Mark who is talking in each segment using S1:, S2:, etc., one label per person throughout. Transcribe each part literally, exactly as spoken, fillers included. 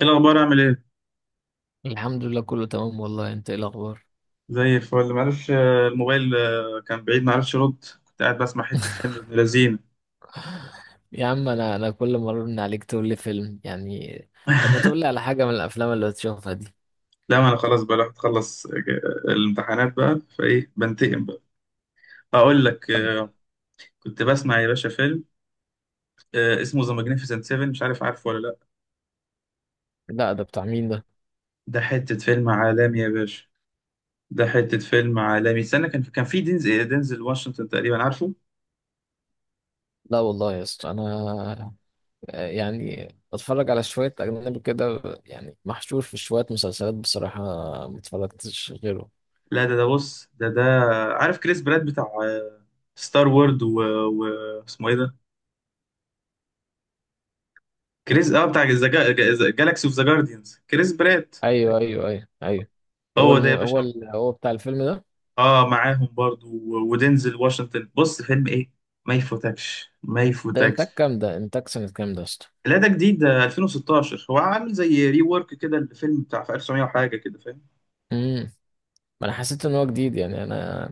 S1: ايه الاخبار، عامل ايه؟
S2: الحمد لله، كله تمام والله. انت ايه الاخبار؟
S1: زي الفل. معرفش، آه، الموبايل آه، كان بعيد، معرفش ارد. كنت قاعد بسمع حته فيلم ابن لذين.
S2: يا عم، انا انا كل مره من عليك تقول لي فيلم يعني. طب ما تقول لي على حاجه من الافلام اللي بتشوفها دي.
S1: لا، ما انا خلاص بقى، رحت اخلص، آه، الامتحانات بقى فايه، بنتقم بقى. اقول لك،
S2: طب،
S1: آه، كنت بسمع يا باشا فيلم آه، اسمه ذا ماجنيفيسنت سبعة، مش عارف عارفه ولا لا؟
S2: لا ده بتاع مين ده؟
S1: ده حته فيلم عالمي يا باشا، ده حته فيلم عالمي. استنى، كان في كان في دينزل دينزل واشنطن تقريبا، عارفه؟
S2: لا والله يا اسطى، انا يعني بتفرج على شويه اجنبي كده، يعني محشور في شويه مسلسلات بصراحه، ما اتفرجتش غيره.
S1: لا ده ده بص، ده ده عارف كريس براد بتاع آه، ستار وورد و... و... اسمه ايه ده؟ كريس اه بتاع جالاكسي اوف ذا جارديانز، كريس برات.
S2: ايوه، ايوه، ايوه، ايوه. هو
S1: هو
S2: الم...
S1: ده يا
S2: هو
S1: باشا.
S2: ال... هو بتاع الفيلم ده؟
S1: اه، معاهم برضو و- ودينزل واشنطن. بص فيلم ايه، ما يفوتكش ما
S2: ده انتاج
S1: يفوتكش.
S2: كام ده انتاج سنه كام ده يا اسطى؟
S1: لا، ده جديد. ده ألفين وستاشر، هو عامل زي ري وورك كده. الفيلم بتاع في ألف وتسعمائة وحاجه كده، فاهم؟
S2: امم. ما انا حسيت ان هو جديد يعني، انا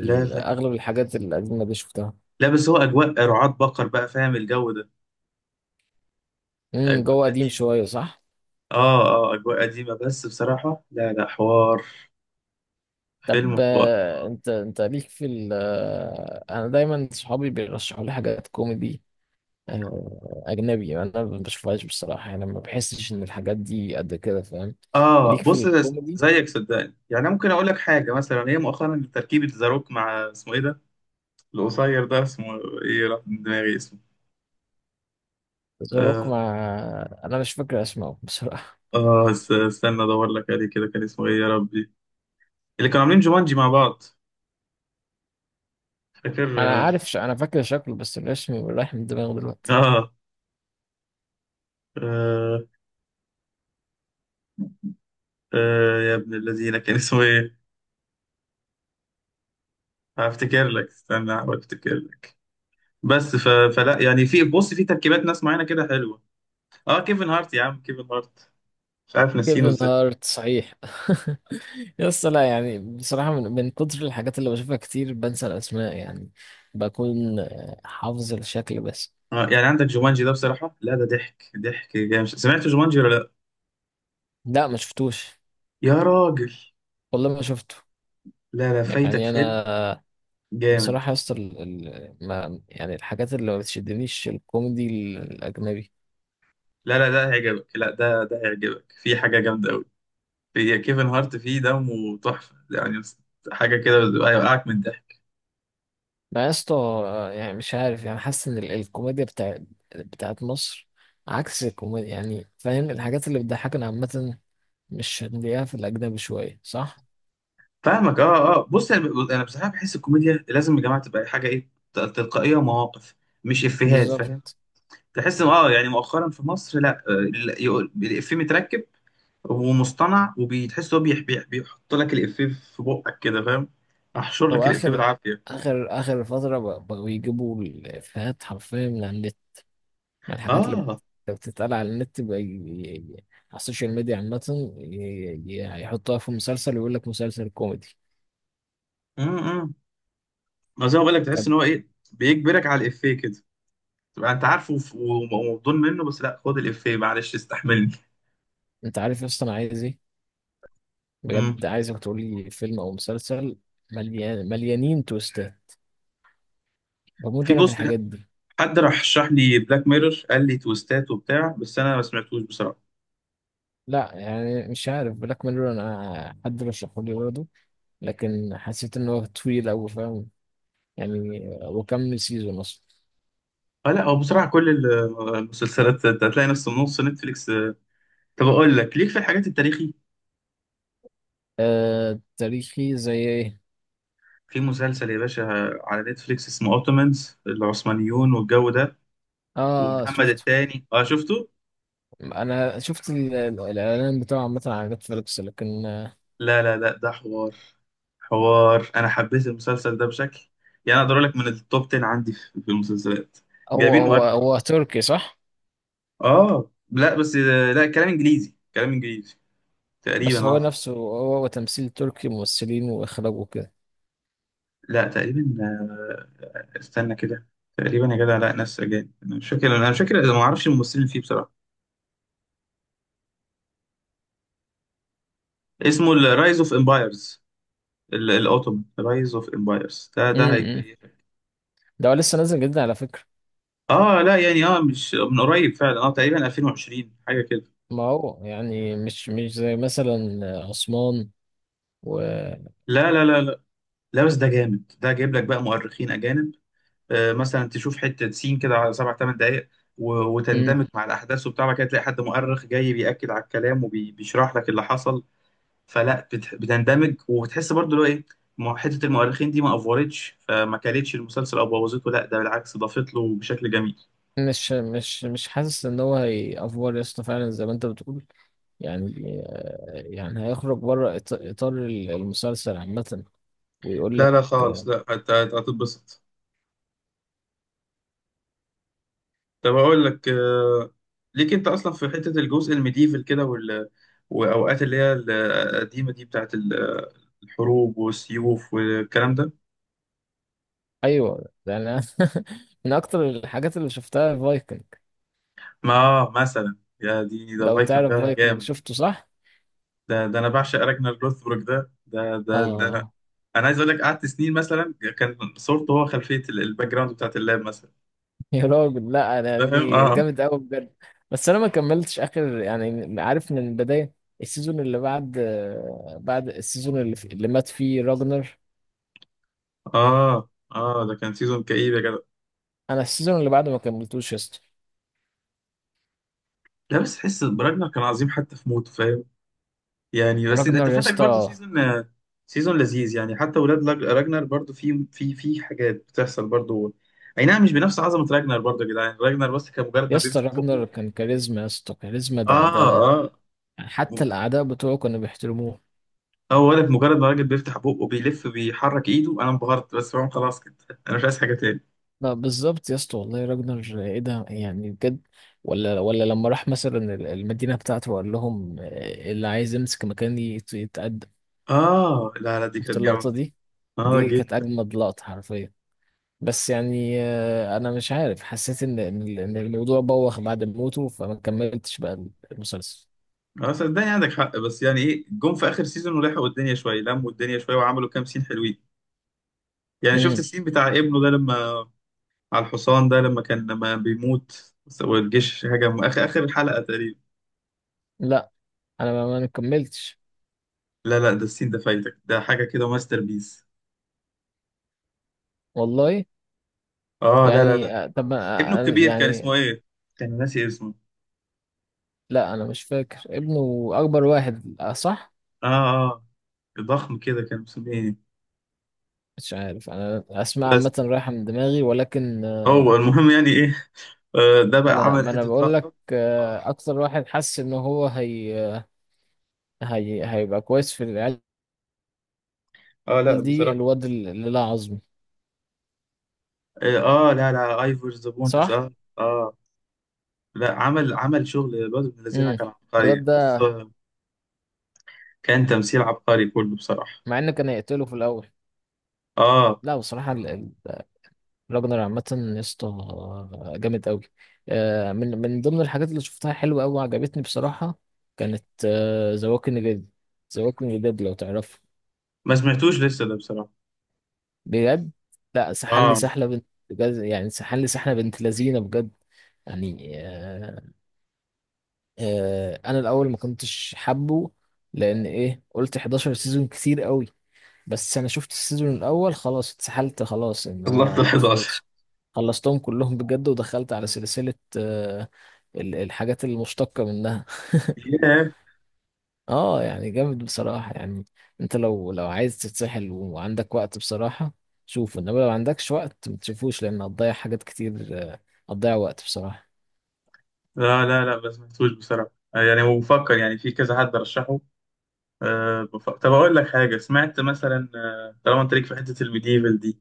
S1: لا لا
S2: اغلب الحاجات الاجنبي شفتها.
S1: لا، بس هو اجواء رعاة بقر بقى، فاهم الجو ده؟
S2: امم،
S1: اجواء
S2: جوه قديم
S1: قديمه.
S2: شويه، صح؟
S1: اه. اه، اجواء قديمه، بس بصراحه لا لا، حوار.
S2: طب،
S1: فيلم.
S2: آه، انت انت ليك في ال آه، انا دايما صحابي بيرشحوا لي حاجات كوميدي. آه، اجنبي، انا ما بشوفهاش بصراحه، يعني ما بحسش ان الحاجات دي قد كده، فاهم؟
S1: اه،
S2: ليك في
S1: بص، ده
S2: الكوميدي.
S1: زيك صدقني، يعني ممكن اقول لك حاجه مثلا، هي مؤخرا تركيبه زاروك مع اسمه ايه ده القصير ده؟ اسمه ايه؟ راح من دماغي. اسمه
S2: ذا روك
S1: اه,
S2: مع. انا مش فاكر اسمه بصراحه.
S1: آه است- استنى ادور لك عليه كده، كان اسمه ايه يا ربي؟ اللي كانوا عاملين جومانجي مع بعض، فاكر؟
S2: انا
S1: اه,
S2: عارف ش... انا فاكر شكله بس الاسم رايح من دماغي دلوقتي.
S1: آه, آه, آه يا ابن الذين، كان اسمه ايه؟ هفتكر لك، استنى، هحاول افتكر لك. بس ف... فلا يعني، في، بص، في تركيبات ناس معينه كده حلوه. اه، كيفن هارت يا عم، كيفن هارت. مش عارف ناسينه
S2: كيفن
S1: ازاي.
S2: هارت، صحيح. يس لا يعني، بصراحة من, من كتر الحاجات اللي بشوفها كتير، بنسى الأسماء يعني. بكون آه، حافظ الشكل بس.
S1: اه، يعني عندك جومانجي ده بصراحة لا، ده ضحك ضحك جامد. سمعت جومانجي ولا لا؟
S2: لا، ما شفتوش.
S1: يا راجل،
S2: والله ما شفته.
S1: لا لا، فايتك
S2: يعني
S1: فيلم
S2: أنا.
S1: جامد.
S2: بصراحة يس ال... ال- ما يعني الحاجات اللي ما بتشدنيش الكوميدي الأجنبي.
S1: لا لا، ده هيعجبك. لا، ده ده هيعجبك. في حاجة جامدة قوي، في كيفن هارت، فيه دمه تحفة يعني، بس- حاجة كده هيوقعك من الضحك.
S2: ما يس. يعني مش عارف، يعني حاسس إن ال- الكوميديا بتاع... بتاعت مصر، عكس الكوميديا يعني، فاهم؟ الحاجات اللي بتضحكنا عامة مش هنلاقيها في الأجنبي شوية، صح؟
S1: فاهمك. اه اه، بص، انا ب- أنا بصراحة بحس الكوميديا لازم يا جماعة تبقى حاجة ايه، ت- تلقائية ومواقف، مش افيهات، فاهم؟
S2: بالظبط.
S1: تحس إن- اه يعني مؤخرا في مصر، لا آه، لا، يقول الافيه متركب، هو مصطنع وبيتحس. هو بيح- بيح- بيحط لك الإفيه في بقك كده، فاهم؟ احشر
S2: هو
S1: لك الإفيه
S2: اخر
S1: بالعافية.
S2: اخر اخر فتره ب- بقوا يجيبوا الافيهات حرفيا من على النت. يعني الحاجات اللي بت-
S1: اه.
S2: بتتقال على النت بقى ي- ي- ي- على السوشيال ميديا عامه، ي- ي- يحطوها في مسلسل ويقول لك مسلسل كوميدي.
S1: امم ما زي ما بقول لك، تحس
S2: طب.
S1: ان هو ايه، بيجبرك على الإفيه كده، تبقى انت عارفه وف- ومبدون منه، بس لا، خد الإفيه، معلش استحملني.
S2: انت عارف اصلا انا عايز ايه؟
S1: امم
S2: بجد عايزك تقول لي فيلم او مسلسل، مليان مليانين تويستات. بموت
S1: في
S2: انا في
S1: بوست.
S2: الحاجات دي.
S1: حد راح شرح لي بلاك ميرور، قال لي تويستات وبتاع، بس انا ما سمعتوش بصراحة.
S2: لا يعني، مش عارف بلاك ميرور، انا حد رشحه لي برضه، لكن حسيت ان هو طويل قوي، فاهم؟ يعني وكمل سيزون اصلا.
S1: اه، لا هو بصراحة كل ال- المسلسلات انت هتلاقي نفس النص، نتفليكس. طب اقول لك، ليك في الحاجات التاريخي؟
S2: آه، تاريخي زي ايه؟
S1: في مسلسل يا باشا على نتفليكس اسمه اوتومانز، العثمانيون والجو ده.
S2: اه
S1: ومحمد
S2: شفته.
S1: التاني، اه شفته؟
S2: انا شفت ال- ال- الاعلان بتاعه عامه على نتفليكس، لكن آه،
S1: لا لا لا، ده حوار. حوار، انا حبيت المسلسل ده بشكل، يعني اقدر اقول لك من التوب عشرة عندي في في المسلسلات.
S2: هو
S1: جايبين
S2: هو
S1: مؤرخ.
S2: هو تركي، صح؟
S1: اه. لا بس، لا، كلام انجليزي. كلام انجليزي تقريبا،
S2: بس هو
S1: اه.
S2: نفسه، هو, هو تمثيل تركي، ممثلين واخراج وكده.
S1: لا تقريبا، آه، استنى كده. تقريبا يا جدع، لا، ناس اجانب. انا مش فاكر انا مش فاكر، اذا ما اعرفش الممثلين اللي فيه بصراحه. اسمه الرايز اوف امبايرز، الأوتومان رايز أوف إمبايرز. ده ده
S2: امم.
S1: هيكيفك.
S2: ده هو لسه نازل جدا على فكره.
S1: آه لا يعني، آه مش من قريب فعلا، آه تقريبا ألفين وعشرين حاجة كده.
S2: ما هو يعني مش مش زي مثلا آه، عثمان و...
S1: لا لا لا لا. لا بس، ده جامد، ده جايب لك بقى مؤرخين أجانب. آه مثلا تشوف حتة سين كده على سبع تمن دقايق، و-
S2: مم.
S1: وتندمج مع الأحداث وبتاع، بعد كده تلاقي حد مؤرخ جاي بيأكد على الكلام وبيشرح لك اللي حصل. فلا بت- بتندمج وبتحس برضه، اللي هو إيه، م- حتة المؤرخين دي ما أفورتش فما كلتش المسلسل أو بوظته، لا، ده بالعكس، ضافت له بشكل جميل.
S2: مش مش مش حاسس ان هو هيأفور يا اسطى، فعلا زي ما انت بتقول يعني يعني هيخرج بره إط- إطار المسلسل عامة، ويقول
S1: لا
S2: لك.
S1: لا خالص، لا هت- هت- هتتبسط. طب اقول لك، آه، ليك انت اصلا في حته الجزء الميديفل كده وال... واوقات اللي هي القديمه دي بتاعت ال- الحروب والسيوف والكلام ده.
S2: أيوه، ده أنا. من أكتر الحاجات اللي شفتها فايكنج.
S1: ما مثلا، يا دي، ده
S2: لو
S1: فايكنج
S2: تعرف
S1: ده
S2: فايكنج،
S1: جامد.
S2: شفته صح؟
S1: ده ده انا بعشق راجنر لوثبروك. ده ده ده ده انا،
S2: آه.
S1: انا عايز اقول لك، قعدت سنين مثلا كان صورته هو خلفيه، ال- الباك جراوند بتاعت اللاب مثلا.
S2: يا راجل، لا أنا
S1: فاهم.
S2: يعني
S1: اه
S2: جامد أوي بجد. بس أنا ما كملتش آخر يعني، عارف من البداية السيزون اللي بعد، بعد السيزون اللي, اللي مات فيه راجنر.
S1: اه اه، ده كان سيزون كئيب يا جدع.
S2: أنا السيزون اللي بعده ما كملتوش يا اسطى.
S1: لا بس، تحس براجنر كان عظيم حتى في موته، فاهم؟ يعني بس، انت
S2: راجنر يا
S1: فاتك برضو
S2: اسطى.
S1: سيزون. سيزون لذيذ يعني، حتى ولاد لاج- راجنر برضو، في في في حاجات بتحصل برضو. اي نعم، مش بنفس عظمه راجنر، برضو يا جدعان، راجنر بس كان مجرد
S2: يا
S1: ما
S2: اسطى،
S1: بيفتح
S2: راجنر
S1: بقه.
S2: كان كاريزما يا اسطى، كاريزما،
S1: اه.
S2: ده ده
S1: اه.
S2: حتى الأعداء بتوعه كانوا بيحترموه.
S1: اه، ولد، مجرد ما راجل بيفتح بقه بيلف بيحرك ايده، انا انبهرت بس، فاهم؟ خلاص كده انا مش عايز حاجه تاني.
S2: لا بالظبط يا اسطى، والله راجنر ايه ده يعني، بجد. ولا ولا لما راح مثلا ال- المدينة بتاعته وقال لهم، آه، اللي عايز يمسك مكاني يت- يتقدم.
S1: اه لا لا، دي
S2: شفت
S1: كانت
S2: اللقطة
S1: جامده.
S2: دي؟
S1: اه
S2: دي كانت
S1: جدا.
S2: أجمد لقطة حرفيا. بس يعني، آه، أنا مش عارف، حسيت إن إن ال- إن الموضوع بوخ بعد موته، فما كملتش بقى المسلسل.
S1: اه، صدقني عندك حق، بس يعني ايه، جم في اخر سيزون ولحقوا الدنيا شويه، لموا الدنيا شويه وعملوا كام سين حلوين. يعني شفت
S2: امم.
S1: السين بتاع ابنه ده، لما على الحصان ده لما كان لما بيموت، والجيش هجم، اخر اخر الحلقه تقريبا.
S2: لا أنا ما ما كملتش.
S1: لا لا، ده السين ده فايتك، ده حاجه كده ماستر بيس.
S2: والله.
S1: اه، لا لا
S2: يعني
S1: لا،
S2: آه، طب
S1: ابنه
S2: ما- آه،
S1: الكبير كان
S2: يعني.
S1: اسمه ايه؟ كان ناسي اسمه.
S2: لا انا مش فاكر، ابنه اكبر واحد آه، صح.
S1: اه. اه، ضخم كده، كان مسميه ايه؟
S2: مش عارف انا، اسماء
S1: بس
S2: عامه رايحه من دماغي، ولكن
S1: هو
S2: آه،
S1: المهم، يعني ايه، آه، ده بقى
S2: ما انا
S1: عمل
S2: ما انا
S1: حته
S2: بقول لك
S1: لقطه. اه.
S2: آه، اكتر واحد حس ان هو هي آه، هي هيبقى كويس في العيال.
S1: آه، لا
S2: دي
S1: بصراحه.
S2: الواد اللي لا عظم.
S1: اه. آه، لا لا، ايفور ذا بونلس.
S2: صح.
S1: اه اه. لا، عمل، عمل شغل. الواد ابن الذين
S2: امم.
S1: كان عبقري،
S2: الواد
S1: بص،
S2: ده.
S1: آه، كان تمثيل عبقري كله بصراحه.
S2: مع انه كان هيقتله في الاول.
S1: اه،
S2: لا بصراحه، ال- ال- راجنر عامه، يا اسطى آه، جامد قوي. من من ضمن الحاجات اللي شفتها حلوه قوي وعجبتني بصراحه، كانت ذا ووكينج ديد. ذا ووكينج ديد لو تعرفه.
S1: ما سمعتوش لسه ده بصراحة.
S2: بجد. لا سحلني
S1: اه،
S2: سحلة بنت بجد، يعني سحلني سحلة بنت لذينة بجد. يعني آه آه انا الاول ما كنتش حابه، لان ايه، قلت حداشر سيزون كتير قوي. بس انا شفت السيزون الاول، خلاص اتسحلت، خلاص ان
S1: اللقطة ال
S2: انا
S1: حداشر.
S2: خلص. خلصتهم كلهم بجد، ودخلت على سلسلة آه ال- الحاجات المشتقة منها.
S1: ياه.
S2: اه يعني جامد بصراحة يعني. انت لو لو عايز تتسحل وعندك وقت بصراحة، شوفه. انما لو عندكش وقت ما تشوفوش، لان هتضيع حاجات كتير، آه، هتضيع وقت بصراحة.
S1: لا لا لا، ما سمعتوش بصراحة، آه، يعني وبفكر يعني في كذا حد رشحه. أه بف... طب أقول لك حاجة. سمعت مثلا، آه، طالما أنت ليك في حتة الميديفال دي،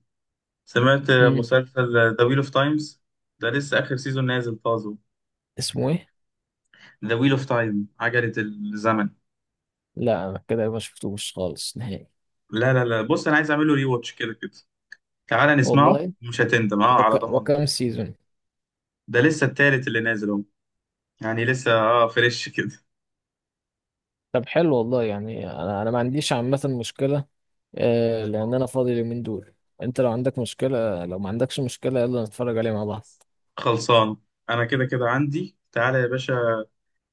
S1: سمعت آه،
S2: امم.
S1: مسلسل ذا ويل أوف تايمز، ده لسه آخر سيزون نازل طازه.
S2: اسمه ايه؟
S1: ذا ويل أوف تايم، عجلة الزمن.
S2: لا انا كده ما شفتوش خالص نهائي.
S1: لا لا لا، بص أنا عايز أعمل له ري واتش كده كده. تعالى نسمعه،
S2: والله.
S1: مش هتندم، أه على
S2: وك...
S1: ضمانتي.
S2: وكم سيزون؟
S1: ده لسه التالت اللي نازل أهو، يعني لسه، أه فريش كده.
S2: طب حلو والله يعني، انا انا ما عنديش عامة مشكلة، آه، لان انا فاضي اليومين دول. انت لو عندك مشكلة، لو ما عندكش مشكلة، يلا نتفرج عليه مع بعض.
S1: خلصان. انا كده كده عندي، تعالى يا باشا،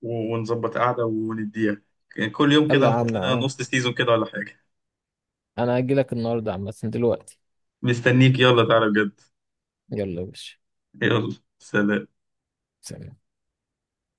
S1: و- ونظبط قعده ونديها. يعني كل يوم كده
S2: يلا يا عم،
S1: نخبط لنا
S2: انا
S1: نص سيزون كده ولا حاجه.
S2: انا هجيلك النهاردة عامة دلوقتي.
S1: مستنيك، يلا تعالى بجد.
S2: يلا يا باشا.
S1: يلا سلام.
S2: سلام.